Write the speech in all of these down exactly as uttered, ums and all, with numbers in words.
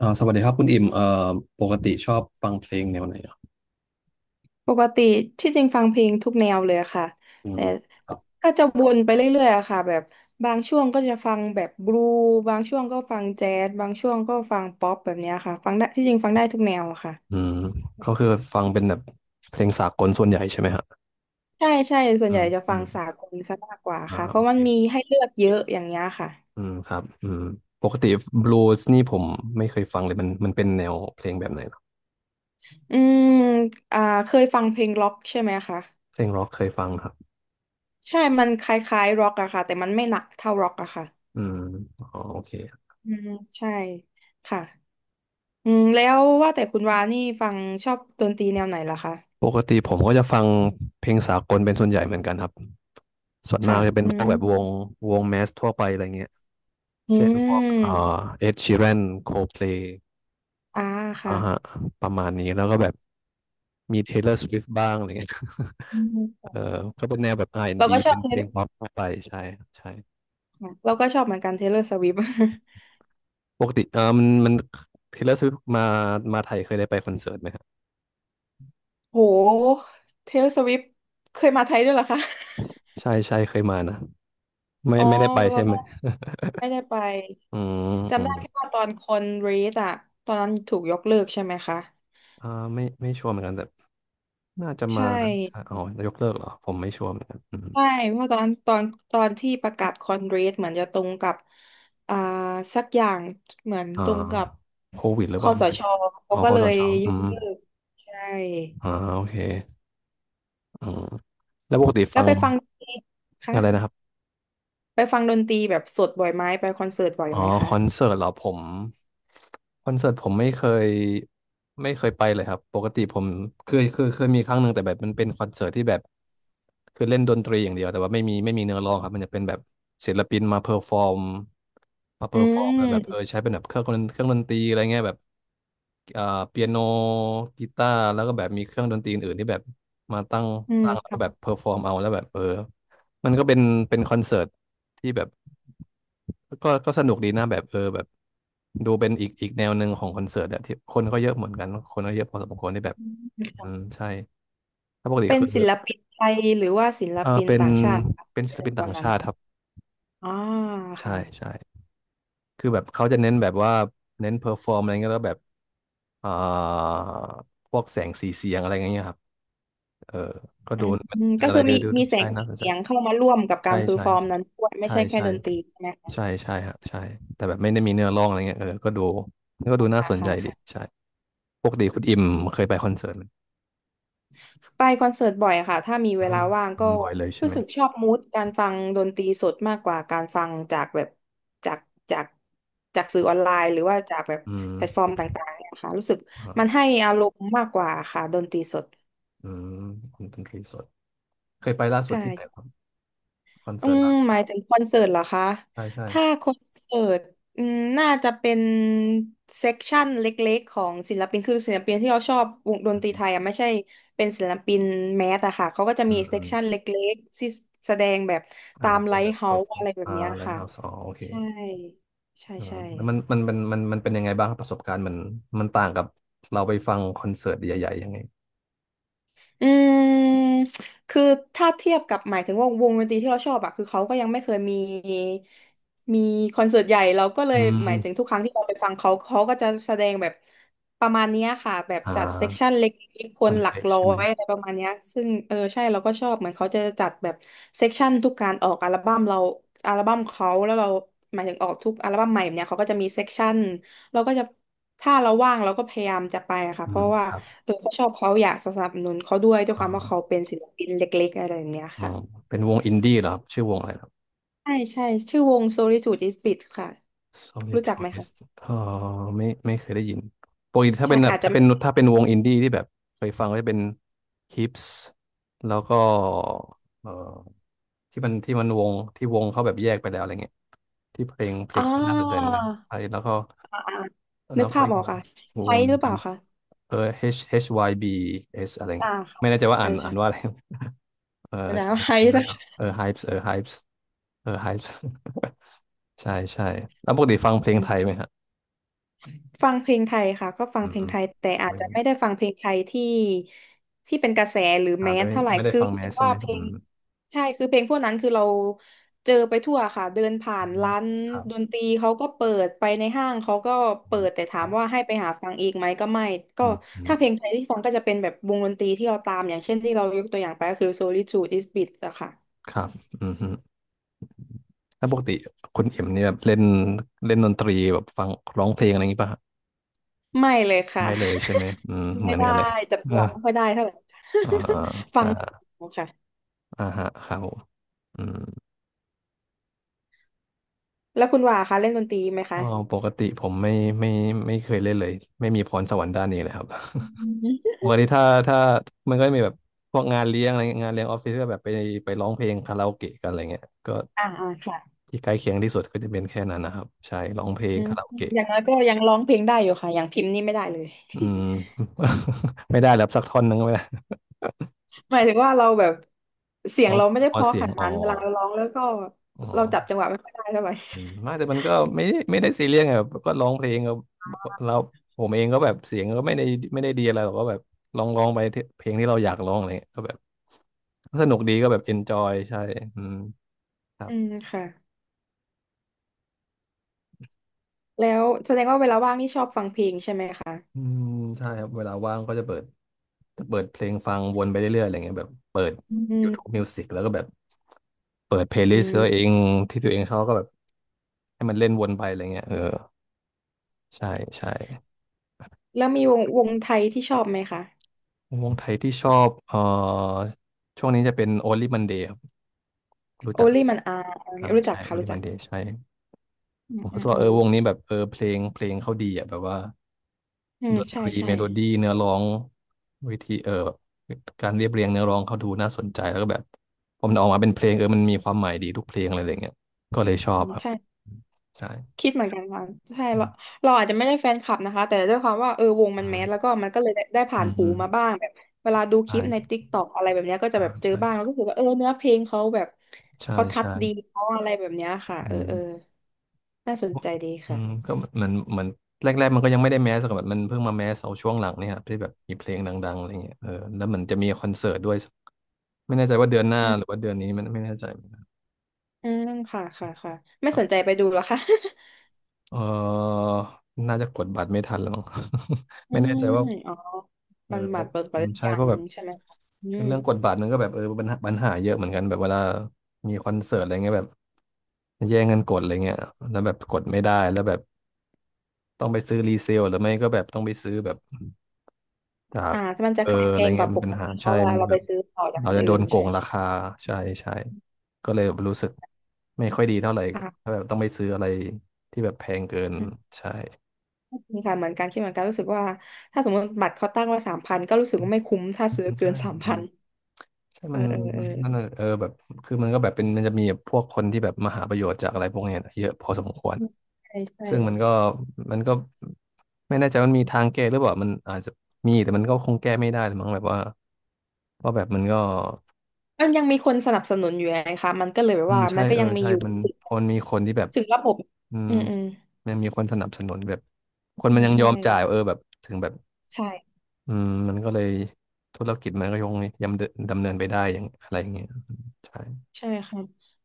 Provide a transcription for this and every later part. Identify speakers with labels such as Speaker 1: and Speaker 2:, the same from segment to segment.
Speaker 1: อ่าสวัสดีครับคุณอิ่มเอ่อปกติชอบฟังเพลงแนวไหนอ่ะ
Speaker 2: ปกติที่จริงฟังเพลงทุกแนวเลยอะค่ะ
Speaker 1: อื
Speaker 2: แต่
Speaker 1: มครับ
Speaker 2: ก็จะวนไปเรื่อยๆอะค่ะแบบบางช่วงก็จะฟังแบบบลูบางช่วงก็ฟังแจ๊สบางช่วงก็ฟังป๊อปแบบเนี้ยค่ะฟังได้ที่จริงฟังได้ทุกแนวอะ
Speaker 1: อื
Speaker 2: ค่ะ
Speaker 1: มก็คือฟังเป็นแบบเพลงสากลส่วนใหญ่ใช่ไหมฮะ
Speaker 2: ใช่ใช่ส่ว
Speaker 1: อื
Speaker 2: นใหญ่
Speaker 1: ม
Speaker 2: จะ
Speaker 1: อื
Speaker 2: ฟั
Speaker 1: ม
Speaker 2: งสากลซะมากกว่า
Speaker 1: อ่า
Speaker 2: ค่ะเพ
Speaker 1: โอ
Speaker 2: ราะ
Speaker 1: เค
Speaker 2: มันมีให้เลือกเยอะอย่างเงี้ยค่ะ
Speaker 1: อืมครับอืมปกติบลูส์นี่ผมไม่เคยฟังเลยมันมันเป็นแนวเพลงแบบไหนเหรอ
Speaker 2: อืมอ่าเคยฟังเพลงร็อกใช่ไหมคะ
Speaker 1: เพลงร็อกเคยฟังครับ
Speaker 2: ใช่มันคล้ายๆร็อกอะค่ะแต่มันไม่หนักเท่าร็อกอะค่ะ
Speaker 1: อืมอ๋อโอเค
Speaker 2: อืมใช่ค่ะ อืมแล้วว่าแต่คุณวานี่ฟังชอบดนตรีแนวไหนล่ะคะ
Speaker 1: ปกติผมก็จะฟังเพลงสากลเป็นส่วนใหญ่เหมือนกันครับส่วนมา
Speaker 2: ค่ะ
Speaker 1: กจะเป็น
Speaker 2: อื
Speaker 1: พวก
Speaker 2: ม
Speaker 1: แบบวงวงแมสทั่วไปอะไรเงี้ย
Speaker 2: อื
Speaker 1: เช่นพวกเอ่อ
Speaker 2: ม
Speaker 1: เอ็ดชีแรนโคลด์เพลย์
Speaker 2: อ่า
Speaker 1: อ่า
Speaker 2: ค่ะ
Speaker 1: ฮะประมาณนี้แล้วก็แบบมี Taylor Swift บ้างอะไรเงี้ย
Speaker 2: อื
Speaker 1: เอ
Speaker 2: ม
Speaker 1: อก็เป็นแนวแบบ
Speaker 2: เรา
Speaker 1: อาร์ แอนด์ บี
Speaker 2: ก็ชอ
Speaker 1: เป็
Speaker 2: บ
Speaker 1: น
Speaker 2: เท
Speaker 1: เพล
Speaker 2: เล
Speaker 1: งป๊อปทั่วไปใช่ครับใช่
Speaker 2: เราก็ชอบเหมือนกันเทเล o r s สวิฟ
Speaker 1: ปกติเออมันมัน Taylor Swift มามาไทยเคยได้ไปคอนเสิร์ตไหมครับ
Speaker 2: โหเทเล o r s สวิฟเคยมาไทยด้วยเหรอคะ
Speaker 1: ใช่ใช่เคยมานะไม่
Speaker 2: อ๋อ
Speaker 1: ไม่ได้ไป
Speaker 2: เรา
Speaker 1: ใช่ไหม
Speaker 2: ไม่ได้ไป
Speaker 1: อืมอื
Speaker 2: จำ
Speaker 1: ม
Speaker 2: ได้แค่ว่าตอนคอนเรสอะ ตอนนั้นถูกยกเลิกใช่ไหมคะ
Speaker 1: อ่าไม่ไม่ชัวร์เหมือนกันแต่น่าจะมา
Speaker 2: ใช่
Speaker 1: นะใช่อ๋อยกเลิกเหรอผมไม่ชัวร์เหมือนกันอืม
Speaker 2: ใช่เพราะตอนตอนตอนที่ประกาศคอนเกรสเหมือนจะตรงกับอ่าสักอย่างเหมือน
Speaker 1: อ่า
Speaker 2: ตรงกับ
Speaker 1: โควิดหรือ
Speaker 2: ค
Speaker 1: เปล่า
Speaker 2: ส
Speaker 1: ไม่
Speaker 2: ช
Speaker 1: แน่อ๋
Speaker 2: เขา
Speaker 1: อ
Speaker 2: ก็
Speaker 1: ค
Speaker 2: เล
Speaker 1: ส
Speaker 2: ย
Speaker 1: ช
Speaker 2: ย
Speaker 1: อื
Speaker 2: ก
Speaker 1: ม
Speaker 2: เลิกใช่
Speaker 1: อ่าโอเคอืมแล้วปกติ
Speaker 2: แล้
Speaker 1: ฟั
Speaker 2: ว
Speaker 1: ง
Speaker 2: ไปฟังดนตรีคะ
Speaker 1: อะไรนะครับ
Speaker 2: ไปฟังดนตรีแบบสดบ่อยไหมไปคอนเสิร์ตบ่อย
Speaker 1: อ๋อ
Speaker 2: ไหม
Speaker 1: ค
Speaker 2: คะ
Speaker 1: อนเสิร์ตเหรอผมคอนเสิร์ตผมไม่เคยไม่เคยไปเลยครับปกติผมเคยเคยเคยมีครั้งหนึ่งแต่แบบมันเป็นคอนเสิร์ตที่แบบคือเล่นดนตรีอย่างเดียวแต่ว่าไม่มีไม่มีเนื้อร้องครับมันจะเป็นแบบศิลปินมาเพอร์ฟอร์มมาเพอ
Speaker 2: อื
Speaker 1: ร์ฟอร์มแบบเออ
Speaker 2: ม
Speaker 1: ใช้เป็นแบบเครื่องดนเครื่องดนตรีอะไรเงี้ยแบบเอ่อเปียโนกีตาร์แล้วก็แบบมีเครื่องดนตรีอื่นๆที่แบบมาตั้ง
Speaker 2: อืม
Speaker 1: ตั้งแล้วก็แบ
Speaker 2: ค่ะ
Speaker 1: บเพอร์ฟอร์มเอาแล้วแบบเออมันก็เป็นเป็นคอนเสิร์ตที่แบบ ก็ก็สนุกดีนะแบบเออแบบดูเป็นอีกอีกแนวหนึ่งของคอนเสิร์ตอะที่คนก็เยอะเหมือนกันคนก็เยอะพอสมควรที่แบบ
Speaker 2: อืม
Speaker 1: อืม
Speaker 2: ค่ะ
Speaker 1: ใช่ถ้าปกติ
Speaker 2: เป็น
Speaker 1: คือ
Speaker 2: ศิลปินไทยหรือว่าศิล
Speaker 1: เออ
Speaker 2: ปิน
Speaker 1: เป็น
Speaker 2: ต่างชาติคะ
Speaker 1: เป็
Speaker 2: ที่
Speaker 1: นศิล
Speaker 2: เป็
Speaker 1: ปิ
Speaker 2: น
Speaker 1: น
Speaker 2: ตอ
Speaker 1: ต่า
Speaker 2: น
Speaker 1: ง
Speaker 2: นั้น
Speaker 1: ชาติครับ
Speaker 2: อ่า
Speaker 1: ใช่
Speaker 2: ค่ะ
Speaker 1: ใช่คือแบบเขาจะเน้นแบบว่าเน้นเพอร์ฟอร์มอะไรเงี้ยแล้วแบบเอ่อพวกแสงสีเสียงอะไรเงี้ยครับเออก็
Speaker 2: อื
Speaker 1: ดู
Speaker 2: ม
Speaker 1: เป็น
Speaker 2: ก็
Speaker 1: อะไร
Speaker 2: คือมี
Speaker 1: เดีู
Speaker 2: มี
Speaker 1: ดู
Speaker 2: แส
Speaker 1: ใช่
Speaker 2: งสี
Speaker 1: น่าสนใจ
Speaker 2: เสียงเข้ามาร่วมกับกา
Speaker 1: ใช่
Speaker 2: รเพอร์
Speaker 1: ใช่
Speaker 2: ฟอร์มนั้นด้วยไม่
Speaker 1: ใช่
Speaker 2: ใช่แค่
Speaker 1: ใช่
Speaker 2: ดนตรีใช่ไหมคะ
Speaker 1: ใช่ใช่ฮะใช่แต่แบบไม่ได้มีเนื้อร้องอะไรเงี้ยเออก็ดูก็ดู
Speaker 2: ค่ะ
Speaker 1: น่าสน
Speaker 2: ค่ะ
Speaker 1: ใจดี
Speaker 2: ค่ะ
Speaker 1: ใช่ปกติคุณอิมเคยไปคอนเสิร์ตไหม
Speaker 2: ไปคอนเสิร์ตบ่อยค่ะถ้ามี
Speaker 1: อื
Speaker 2: เวลา
Speaker 1: ม
Speaker 2: ว่าง
Speaker 1: อื
Speaker 2: ก็
Speaker 1: มบ่อยเลยใช่
Speaker 2: รู้
Speaker 1: ไหม
Speaker 2: สึกชอบมูดการฟังดนตรีสดมากกว่าการฟังจากแบบจากจากจากสื่อออนไลน์หรือว่าจากแบบ
Speaker 1: อื
Speaker 2: แพลตฟอร์
Speaker 1: ม
Speaker 2: มต่างๆเนี่ยค่ะรู้สึกมัน
Speaker 1: อ่า
Speaker 2: ให้อารมณ์มากกว่าค่ะดนตรีสด
Speaker 1: อืมคุณดนตรีสดเคยไปล่าสุด
Speaker 2: ใช่
Speaker 1: ที่ไหนครับคอน
Speaker 2: อื
Speaker 1: เสิร์ต
Speaker 2: ม
Speaker 1: ล่าสุด
Speaker 2: หมายถึงคอนเสิร์ตเหรอคะ
Speaker 1: ใช่ใช่
Speaker 2: ถ้าคอนเสิร์ตอืมน่าจะเป็นเซกชันเล็กๆของศิลปินคือศิลปินที่เราชอบวงด
Speaker 1: อ
Speaker 2: นตรี
Speaker 1: ืม
Speaker 2: ไทยอ่ะไม่ใช่เป็นศิลปินแมสอะค่ะเขาก็จะ
Speaker 1: อื
Speaker 2: มี
Speaker 1: มอ
Speaker 2: เซกชันเล็กๆที่แสดงแบบ
Speaker 1: มอ่า
Speaker 2: ตาม
Speaker 1: เป็
Speaker 2: ไล
Speaker 1: นแบ
Speaker 2: ฟ์
Speaker 1: บ
Speaker 2: เฮา
Speaker 1: ก็
Speaker 2: ส์อะไรแบบ
Speaker 1: อ่า
Speaker 2: เนี้ย
Speaker 1: ไลท์
Speaker 2: ค่ะ
Speaker 1: เฮาส์อ๋อโอเค
Speaker 2: ใช่ใช่
Speaker 1: อ่า
Speaker 2: ใช่
Speaker 1: แล้วมันมันมันมันมันเป็นยังไงบ้างครับประสบการณ์มันมันต่างกับเราไปฟังคอนเสิร์ตใหญ่ๆยังไง
Speaker 2: อืมคือถ้าเทียบกับหมายถึงว่าวงดนตรีที่เราชอบอะคือเขาก็ยังไม่เคยมีมีคอนเสิร์ตใหญ่เราก็เล
Speaker 1: อื
Speaker 2: ย
Speaker 1: ม
Speaker 2: หมายถึงทุกครั้งที่เราไปฟังเขาเขาก็จะแสดงแบบประมาณเนี้ยค่ะแบบ
Speaker 1: อ่า
Speaker 2: จัดเซกชันเล็กๆค
Speaker 1: อั
Speaker 2: น
Speaker 1: น
Speaker 2: หลัก
Speaker 1: เล็กๆ
Speaker 2: ร้อ
Speaker 1: ใช่ไหม
Speaker 2: ยอะไรประมาณเนี้ยซึ่งเออใช่เราก็ชอบเหมือนเขาจะจัดแบบเซกชันทุกการออกอัลบั้มเราอัลบั้มเขาแล้วเราหมายถึงออกทุกอัลบั้มใหม่แบบเนี้ยเขาก็จะมีเซกชัน เราก็จะถ้าเราว่างเราก็พยายามจะไปอะค่ะ
Speaker 1: อื
Speaker 2: เพ
Speaker 1: ม
Speaker 2: ราะว่า
Speaker 1: ครับ
Speaker 2: เออเขาชอบเขาอยากสนับสนุนเขาด้วยด้ว
Speaker 1: อ
Speaker 2: ยความว่าเขา
Speaker 1: ่า
Speaker 2: เป็นศิลปินเล็กๆอะไรอย่างเงี้ย
Speaker 1: อ๋อ
Speaker 2: ค่ะ
Speaker 1: เป็นวงอินดี้เหรอครับชื่อวงอะไรครับ
Speaker 2: ใช่ใช่ชื่อวง Solitude is Bit ค่ะ
Speaker 1: Solid
Speaker 2: รู้จักไหมคะ
Speaker 1: Choice เออไม่ไม่เคยได้ยินปกติถ้า
Speaker 2: ใช่
Speaker 1: เป็นแบบ
Speaker 2: อาจจะ
Speaker 1: ถ้าเป็นถ้าเป็นวงอินดี้ที่แบบเคยฟังก็จะเป็น Hips แล้วก็เออที่มันที่มันวงที่วงเขาแบบแยกไปแล้วอะไรเงี้ยที่เพลงเพลง
Speaker 2: อ่า
Speaker 1: เขาน่าสนใจเหมือนกันไอ้แล้วก็
Speaker 2: อ่าอ่านึ
Speaker 1: แล้
Speaker 2: ก
Speaker 1: วก็
Speaker 2: ภาพ
Speaker 1: อีก
Speaker 2: ออก
Speaker 1: วง
Speaker 2: ค่ะ
Speaker 1: อีก
Speaker 2: ไฮ
Speaker 1: วงห
Speaker 2: ห
Speaker 1: นึ่
Speaker 2: รื
Speaker 1: ง
Speaker 2: อเป
Speaker 1: จ
Speaker 2: ล่าคะ
Speaker 1: ำเออ H H Y B S อะไร
Speaker 2: อ่า
Speaker 1: เงี้ย
Speaker 2: ค่ะ
Speaker 1: ไม่แน่ใจว่า
Speaker 2: เอ
Speaker 1: อ่า
Speaker 2: อ
Speaker 1: น
Speaker 2: ใช่
Speaker 1: อ่านว่าอะไรเออ
Speaker 2: อาจา
Speaker 1: ใช่
Speaker 2: รย์
Speaker 1: เพ
Speaker 2: ไฮ
Speaker 1: ลงนั้
Speaker 2: นะ
Speaker 1: นเออ Hypes เออ Hypes เออ Hypes ใช่ใช่แล้วปกติฟังเพลงไทยไห มฮะ
Speaker 2: ฟังเพลงไทยค่ะก็ฟัง
Speaker 1: อื
Speaker 2: เพลง
Speaker 1: ม
Speaker 2: ไทยแต่อาจ
Speaker 1: ไม่
Speaker 2: จะไม่ได้ฟังเพลงไทยที่ที่เป็นกระแสหรือ
Speaker 1: อ่า
Speaker 2: แม
Speaker 1: ไม่
Speaker 2: ส
Speaker 1: ไม่
Speaker 2: เท่าไหร่
Speaker 1: ไม่ได้
Speaker 2: คือ
Speaker 1: ฟัง
Speaker 2: รู้
Speaker 1: แม
Speaker 2: สึ
Speaker 1: ส
Speaker 2: ก
Speaker 1: ใช่
Speaker 2: ว่า
Speaker 1: ไหม
Speaker 2: เพล
Speaker 1: อื
Speaker 2: ง
Speaker 1: ม
Speaker 2: ใช่คือเพลงพวกนั้นคือเราเจอไปทั่วค่ะเดินผ่า
Speaker 1: อื
Speaker 2: น
Speaker 1: ม
Speaker 2: ร้าน
Speaker 1: ครับ
Speaker 2: ดนตรีเขาก็เปิดไปในห้างเขาก็
Speaker 1: อื
Speaker 2: เปิ
Speaker 1: ม
Speaker 2: ดแต่
Speaker 1: ค
Speaker 2: ถา
Speaker 1: รั
Speaker 2: ม
Speaker 1: บ
Speaker 2: ว่าให้ไปหาฟังอีกไหมก็ไม่ก็
Speaker 1: อืมอืม
Speaker 2: ถ้าเพลงไทยที่ฟังก็จะเป็นแบบวงดนตรีที่เราตามอย่างเช่นที่เรายกตัวอย่างไปก็คือ Solitude is Bit อะค่ะ
Speaker 1: ครับอืมอืมแล้วปกติคุณเอ็มเนี่ยแบบเล่นเล่นดนตรีแบบฟังร้องเพลงอะไรอย่างงี้ป่ะฮะ
Speaker 2: ไม่เลยค่ะ
Speaker 1: ไม่เลยใช่ไหมอืม เหมื
Speaker 2: ไม่
Speaker 1: อน
Speaker 2: ได้
Speaker 1: กันเลย
Speaker 2: จับ จัง
Speaker 1: อ่า
Speaker 2: หวะไม่ค่อยได้เท่าไหร่
Speaker 1: อ่า
Speaker 2: ฟั
Speaker 1: ใช่
Speaker 2: งไม่ถูกค่ะ
Speaker 1: อ่าฮะครับผมอืม
Speaker 2: แล้วคุณว่าคะเล่นดนตรีไหม
Speaker 1: อ๋
Speaker 2: คะ
Speaker 1: อปกติผมไม่ไม่ไม่เคยเล่นเลยไม่มีพรสวรรค์ด้านนี้เลยครับ
Speaker 2: อืม
Speaker 1: วันนี้ถ้าถ้ามันก็จะมีแบบพวกงานเลี้ยงอะไรเงี้ยงานเลี้ยงออฟฟิศก็แบบไปไปร้องเพลงคาราโอเกะกันอะไรเงี้ยก็
Speaker 2: อ่าอ่าค่ะ
Speaker 1: ที่ใกล้เคียงที่สุดก็จะเป็นแค่นั้นนะครับใช่ร้องเพลง
Speaker 2: อืม
Speaker 1: คาราโอเกะ
Speaker 2: อย่างน้อยก็ยังร้องเพลงได้อยู่ค่ะอย่างพิมพ์นี่ไม่ได้เลย
Speaker 1: อืม ไม่ได้แล้วสักท่อนนึงก็ไม่ได้
Speaker 2: หมายถึงว่าเราแบบเสียง
Speaker 1: ต้อง
Speaker 2: เราไม่ได้
Speaker 1: ข
Speaker 2: เพ
Speaker 1: อ
Speaker 2: ราะ
Speaker 1: เสี
Speaker 2: ข
Speaker 1: ยง
Speaker 2: นาด
Speaker 1: อ๋อ
Speaker 2: นั้นเวลาเราร้องแล้วก็
Speaker 1: อ๋อ
Speaker 2: เราจับจังหวะไม่ค่อยได้เท่าไหร่
Speaker 1: อืมไม่แต่มันก็ไม่ไม่ได้ซีเรียสไงแบบก็ร้องเพลงก็เราผมเองก็แบบเสียงก็ไม่ได้ไม่ได้ดีอะไรหรอกก็แบบลองร้องไปที่เพลงที่เราอยากร้องอะไรเงี้ยก็แบบสนุกดีก็แบบเอนจอยใช่อืมครั บ
Speaker 2: อืมค่ะแล้วแสดงว่าเวลาว่างนี่ชอบฟังเพลงใช่ไหมคะ
Speaker 1: อืมใช่ครับเวลาว่างก็จะเปิดจะเปิดเพลงฟังวนไปเรื่อยๆอะไรเงี้ยแบบเปิด
Speaker 2: อื
Speaker 1: YouTube
Speaker 2: ม
Speaker 1: Music แล้วก็แบบเปิดเพลย์ลิ
Speaker 2: อื
Speaker 1: สต์ตั
Speaker 2: ม
Speaker 1: วเองที่ตัวเองเขาก็แบบให้มันเล่นวนไปอะไรเงี้ยเออใช่ใช่
Speaker 2: แล้วมีวงวงไทยที่ชอบไหมคะ
Speaker 1: วงไทยที่ชอบเอ่อช่วงนี้จะเป็น Only Monday ครับรู้
Speaker 2: โอ
Speaker 1: จัก
Speaker 2: ลี่มันอา
Speaker 1: อ่า
Speaker 2: รู้จัก
Speaker 1: ใช่
Speaker 2: ค่ะรู้
Speaker 1: Only
Speaker 2: จัก
Speaker 1: Monday ใช่
Speaker 2: อื
Speaker 1: ผ
Speaker 2: ม
Speaker 1: ม
Speaker 2: อื
Speaker 1: รู้
Speaker 2: ม
Speaker 1: สึก
Speaker 2: อื
Speaker 1: ว่าเอ
Speaker 2: ม
Speaker 1: อวงนี้แบบเออเพลงเพลงเขาดีอ่ะแบบว่า
Speaker 2: อืม
Speaker 1: ดนต
Speaker 2: ใช่
Speaker 1: รี
Speaker 2: ใช่
Speaker 1: เมโลดี้เนื้อร้องวิธีเออแบบการเรียบเรียงเนื้อร้องเขาดูน่าสนใจแล้วก็แบบพอมันออกมาเป็นเพลงเออมันมีความหมายดีทุกเพลงอะไรอย่างเงี้ยก็เลยชอ
Speaker 2: อื
Speaker 1: บ
Speaker 2: ม
Speaker 1: ครับ
Speaker 2: ใช่
Speaker 1: ใช่
Speaker 2: คิดเหมือนกันค่ะใช่
Speaker 1: อื
Speaker 2: เรา
Speaker 1: ม
Speaker 2: เราอาจจะไม่ได้แฟนคลับนะคะแต่ด้วยความว่าเออวงมันแมสแล้วก็มันก็เลยได้ได้
Speaker 1: อื
Speaker 2: ผ่าน
Speaker 1: ม
Speaker 2: หู
Speaker 1: อืม
Speaker 2: มาบ้างแบบเวลาดูคลิปใน
Speaker 1: ใช่
Speaker 2: ติ๊กต็อกอะไรแบบเนี้ยก็จะ
Speaker 1: อ่า
Speaker 2: แบบเจอ
Speaker 1: ใช่
Speaker 2: บ้างแล้วก็รู้สึกว่าเออเนื้อเพลงเขาแบบ
Speaker 1: ใช่
Speaker 2: เขาทัด
Speaker 1: ใช่
Speaker 2: ดีเขาอะไรแบบเนี้ยค่ะ
Speaker 1: อื
Speaker 2: เออ
Speaker 1: ม
Speaker 2: เออน่าสนใจดี
Speaker 1: อืม
Speaker 2: ค่ะ
Speaker 1: ก็เหมือนเหมือนแรกๆมันก็ยังไม่ได้แมสกับมันเพิ่งมาแมสเอาช่วงหลังเนี่ยครับที่แบบมีเพลงดังๆอะไรเงี้ยเออแล้วเหมันจะมีคอนเสิร์ตด้วยไม่แน่ใจว่าเดือนหน้า
Speaker 2: อืม
Speaker 1: หรือว่าเดือนนี้มันไม่แน่ใจเหมือนกัน
Speaker 2: อืมค่ะค่ะค่ะไม่
Speaker 1: ครั
Speaker 2: สนใจ
Speaker 1: บ
Speaker 2: ไปดูเหรอคะ
Speaker 1: เออน่าจะกดบัตรไม่ทันแล้วมั้ง
Speaker 2: อื
Speaker 1: ไม่แน่
Speaker 2: ม
Speaker 1: ใจว่า
Speaker 2: อ๋อ
Speaker 1: เออ
Speaker 2: มันบัตรเปิดไป
Speaker 1: อืม
Speaker 2: หรือ
Speaker 1: ใช่
Speaker 2: ยั
Speaker 1: เพ
Speaker 2: ง
Speaker 1: ราะแบบ
Speaker 2: ใช่ไหมคะอืม
Speaker 1: เรื่องกดบัตรนั้นก็แบบเออปัญหาปัญหาเยอะเหมือนกันแบบเวลามีคอนเสิร์ตอะไรเงี้ยแบบแย่งกันกดอะไรเงี้ยแล้วแบบกดไม่ได้แล้วแบบต้องไปซื้อรีเซลหรือไม่ก็แบบต้องไปซื้อแบบจาก
Speaker 2: อ่ามันจะ
Speaker 1: เออ
Speaker 2: ขายแพ
Speaker 1: อะไร
Speaker 2: งก
Speaker 1: เงี้ย
Speaker 2: ว่าป
Speaker 1: มันเป็น
Speaker 2: ก
Speaker 1: ปัญหา
Speaker 2: ติเพ
Speaker 1: ใช่
Speaker 2: ราะเวลา
Speaker 1: มันจะ
Speaker 2: เรา
Speaker 1: แบ
Speaker 2: ไป
Speaker 1: บ
Speaker 2: ซื้อต่อจาก
Speaker 1: เรา
Speaker 2: คน
Speaker 1: จะโด
Speaker 2: อื่น
Speaker 1: นโก
Speaker 2: ใช่
Speaker 1: งรา
Speaker 2: ใช่
Speaker 1: คาใช่ใช่ก็เลยแบบรู้สึกไม่ค่อยดีเท่าไหร่ถ้า
Speaker 2: ค่
Speaker 1: แบบต้องไปซื้ออะไรที่แบบแพงเกิน
Speaker 2: ะ
Speaker 1: ใช่
Speaker 2: มีค่ะเหมือนกันคิดเหมือนกันรู้สึกว่าถ้าสมมติบัตรเขาตั้งไว้สามพันก็รู้สึกว่าไม่คุ้มถ้าซื้อเกิ
Speaker 1: ใช่
Speaker 2: นสามพัน
Speaker 1: ใช่
Speaker 2: เอ
Speaker 1: มั
Speaker 2: อ
Speaker 1: น
Speaker 2: เออเออ
Speaker 1: นั่นน่ะเออแบบคือมันก็แบบเป็นมันจะมีพวกคนที่แบบมาหาประโยชน์จากอะไรพวกเนี้ยเยอะพอสมควร
Speaker 2: ใช่ใช่
Speaker 1: ซึ่งมันก็มันก็ไม่แน่ใจว่ามันมีทางแก้หรือเปล่ามันอาจจะมีแต่มันก็คงแก้ไม่ได้หรือมั้งแบบว่าว่าแบบมันก็
Speaker 2: มันยังมีคนสนับสนุนอยู่ไงคะมันก็เลยแบ
Speaker 1: อื
Speaker 2: บ
Speaker 1: ม
Speaker 2: ว่า
Speaker 1: ใช่
Speaker 2: มันก็
Speaker 1: เออ
Speaker 2: ยังมี
Speaker 1: ใช่
Speaker 2: อยู่
Speaker 1: มันพอมันมีคนที่แบบ
Speaker 2: ถึงระบบ
Speaker 1: อืม
Speaker 2: อืมอืม
Speaker 1: มันมีคนสนับสนุนแบบคน
Speaker 2: ใช่
Speaker 1: มันยังย
Speaker 2: ใช่
Speaker 1: อม จ่ายเออแบบถึงแบบ
Speaker 2: ใช่
Speaker 1: อืมมันก็เลยธุรกิจมันก็ยังดำเนินดำเนินไปได้อย่างอะไรอย่างเงี้ยใช่
Speaker 2: ใช่ค่ะ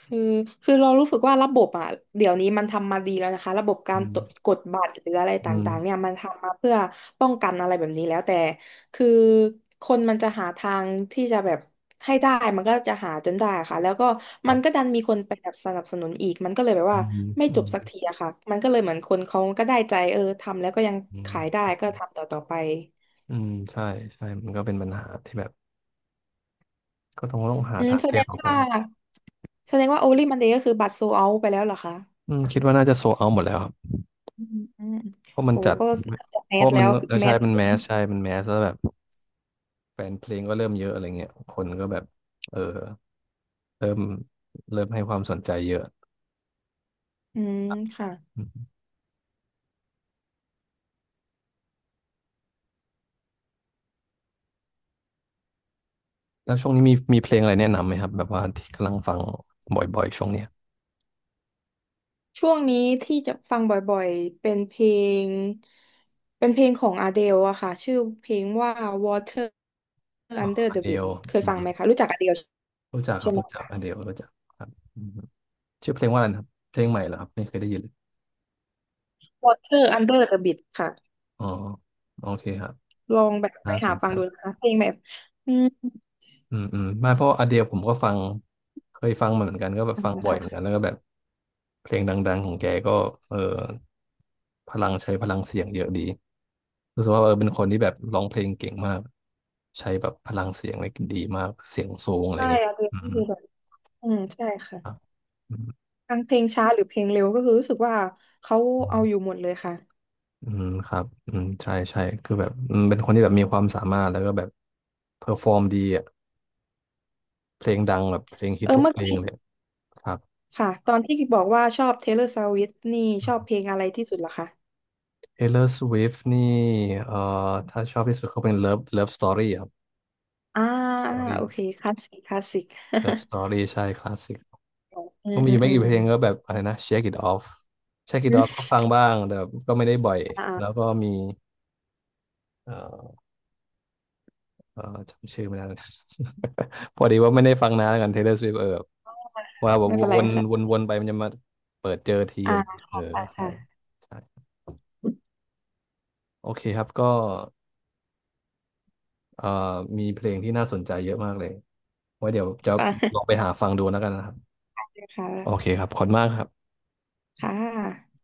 Speaker 2: คือคือเรารู้สึกว่าระบบอ่ะเดี๋ยวนี้มันทำมาดีแล้วนะคะระบบกา
Speaker 1: อื
Speaker 2: รตรวจ
Speaker 1: ม
Speaker 2: กดบัตรหรืออะไรต
Speaker 1: อื
Speaker 2: ่างๆเนี่ย
Speaker 1: ม
Speaker 2: มันทำมาเพื่อป้องกันอะไรแบบนี้แล้วแต่คือคนมันจะหาทางที่จะแบบให้ได้มันก็จะหาจนได้ค่ะแล้วก็
Speaker 1: ค
Speaker 2: มั
Speaker 1: รั
Speaker 2: นก็
Speaker 1: บ
Speaker 2: ดันมีคนไปแบบสนับสนุนอีกมันก็เลยแบบ
Speaker 1: อื
Speaker 2: ว่า
Speaker 1: ม
Speaker 2: ไม่
Speaker 1: อื
Speaker 2: จบ
Speaker 1: ม
Speaker 2: สักทีอะค่ะมันก็เลยเหมือนคนเขาก็ได้ใจเออทำแล้วก็ยัง
Speaker 1: อืม
Speaker 2: ขายได้ก็ทำต่อๆไป
Speaker 1: อืมใช่ใช่มันก็เป็นปัญหาที่แบบก็ต้องต้องหา
Speaker 2: อืม
Speaker 1: ทาง
Speaker 2: แส
Speaker 1: แก้
Speaker 2: ดง
Speaker 1: ต่อไป
Speaker 2: ว่า
Speaker 1: ร
Speaker 2: แสดงว่าโอลิมันเดย์ก็คือบัตรโซเอาไปแล้วเหรอคะ
Speaker 1: อืมคิดว่าน่าจะโซเอาหมดแล้วครับ
Speaker 2: อืมอืม
Speaker 1: เพราะมัน
Speaker 2: โอ้
Speaker 1: จัด
Speaker 2: ก็จะแม
Speaker 1: เพราะ
Speaker 2: สแล้
Speaker 1: มัน
Speaker 2: วคือ
Speaker 1: แล้ว
Speaker 2: แม
Speaker 1: ใช่
Speaker 2: ส
Speaker 1: มันแมสใช่มันแมสแล้วแบบแฟนเพลงก็เริ่มเยอะอะไรเงี้ยคนก็แบบเออเริ่มเริ่มให้ความสนใจเยอะ
Speaker 2: อืมค่ะ
Speaker 1: อืมแล้วช่วงนี้มีมีเพลงอะไรแนะนำไหมครับแบบว่าที่กำลังฟังบ่อยๆช่วงเนี้ย
Speaker 2: ช่วงนี้ที่จะฟังบ่อยๆเป็นเพลงเป็นเพลงของอ d เดลอะค่ะชื่อเพลงว่า Water
Speaker 1: อ๋อ
Speaker 2: Under
Speaker 1: อ
Speaker 2: the
Speaker 1: เดล
Speaker 2: Bridge เคย
Speaker 1: อื
Speaker 2: ฟั
Speaker 1: ม
Speaker 2: งไหมคะรู้จักอ d เดล
Speaker 1: รู้จักครั
Speaker 2: ใช่
Speaker 1: บ
Speaker 2: ไหม
Speaker 1: รู้จัก
Speaker 2: คะ
Speaker 1: อเดลรู้จักครับอืมชื่อเพลงว่าอะไรนะครับเพลงใหม่เหรอครับไม่เคยได้ยินเลย
Speaker 2: Water Under the Bridge ค่ะ
Speaker 1: อ๋อโอเคครับ
Speaker 2: ลองแบบไป
Speaker 1: น่าส
Speaker 2: หา
Speaker 1: น
Speaker 2: ฟั
Speaker 1: ใจ
Speaker 2: งดูนะคะเพลงแบบอืม
Speaker 1: อืมอืมไม่เพราะอเดียผมก็ฟังเคยฟังมาเหมือนกันก็แบบฟัง
Speaker 2: นะ
Speaker 1: บ่อย
Speaker 2: คะ
Speaker 1: เหมือนกันแล้วก็แบบเพลงดังๆของแกก็เออพลังใช้พลังเสียงเยอะดีรู้สึกว่าเออเป็นคนที่แบบร้องเพลงเก่งมากใช้แบบพลังเสียงอะไรดีมากเสียงสูงอะไร
Speaker 2: ใช่
Speaker 1: เงี้ย
Speaker 2: อ d เดล
Speaker 1: อื
Speaker 2: ก็
Speaker 1: ม
Speaker 2: คือแบบอืมใช่
Speaker 1: ครับ
Speaker 2: ค่ะ
Speaker 1: อืม
Speaker 2: ทั้งเพลงช้าหรือเพลงเร็วก็คือรู้สึกว่าเขา
Speaker 1: อื
Speaker 2: เอาอยู่
Speaker 1: ม
Speaker 2: หมดเลยค่ะ
Speaker 1: อืมครับอืมใช่ใช่คือแบบอืมเป็นคนที่แบบมีความสามารถแล้วก็แบบเพอร์ฟอร์มดีอ่ะเพลงดังแบบเพลงฮิ
Speaker 2: เอ
Speaker 1: ต
Speaker 2: อ
Speaker 1: ทุก
Speaker 2: เมื่อ
Speaker 1: เพลง
Speaker 2: กี้
Speaker 1: เลยครับ
Speaker 2: ค่ะตอนที่บอกว่าชอบ เทย์เลอร์ สวิฟต์ นี่ชอบเพลงอะไรที่สุดเหรอคะ
Speaker 1: Taylor Swift นี่เอ่อถ้าชอบที่สุดก็เป็น Love Love Story ครับ
Speaker 2: อ่าอ่าโอ
Speaker 1: Story
Speaker 2: เคคลาสสิกคลาสสิก
Speaker 1: Love Story ใช่คลาสสิก
Speaker 2: อื
Speaker 1: ก็
Speaker 2: ม
Speaker 1: มี
Speaker 2: อืม
Speaker 1: ไม่
Speaker 2: อื
Speaker 1: กี่
Speaker 2: ม
Speaker 1: เพลงก็แบบอะไรนะ Shake It Off Shake It
Speaker 2: อ
Speaker 1: Off
Speaker 2: ม
Speaker 1: ก็ฟังบ้างแต่ก็ไม่ได้บ่อย
Speaker 2: อ่า
Speaker 1: แล้ว
Speaker 2: อ่า
Speaker 1: ก็มีเอ่อเอ่อจำชื่อไม่ได้ พอดีว่าไม่ได้ฟังนานแล้วกัน Taylor Swift เออว่าแบบ
Speaker 2: ไม่เป็น
Speaker 1: ว
Speaker 2: ไร
Speaker 1: นว
Speaker 2: ค่ะ
Speaker 1: นวนไปมันจะมาเปิดเจอที
Speaker 2: อ่า
Speaker 1: อะไรเอ
Speaker 2: ค่
Speaker 1: อ
Speaker 2: ะ
Speaker 1: ใช่
Speaker 2: ค่ะ
Speaker 1: ใช่โอเคครับก็เอ่อมีเพลงที่น่าสนใจเยอะมากเลยไว้เดี๋ยวจะ
Speaker 2: ค่
Speaker 1: ลอง
Speaker 2: ะ
Speaker 1: ไปหาฟังดูแล้วกันนะครับ
Speaker 2: ค่ะ
Speaker 1: โอเคครับขอบคุณมากครับ
Speaker 2: ค่ะ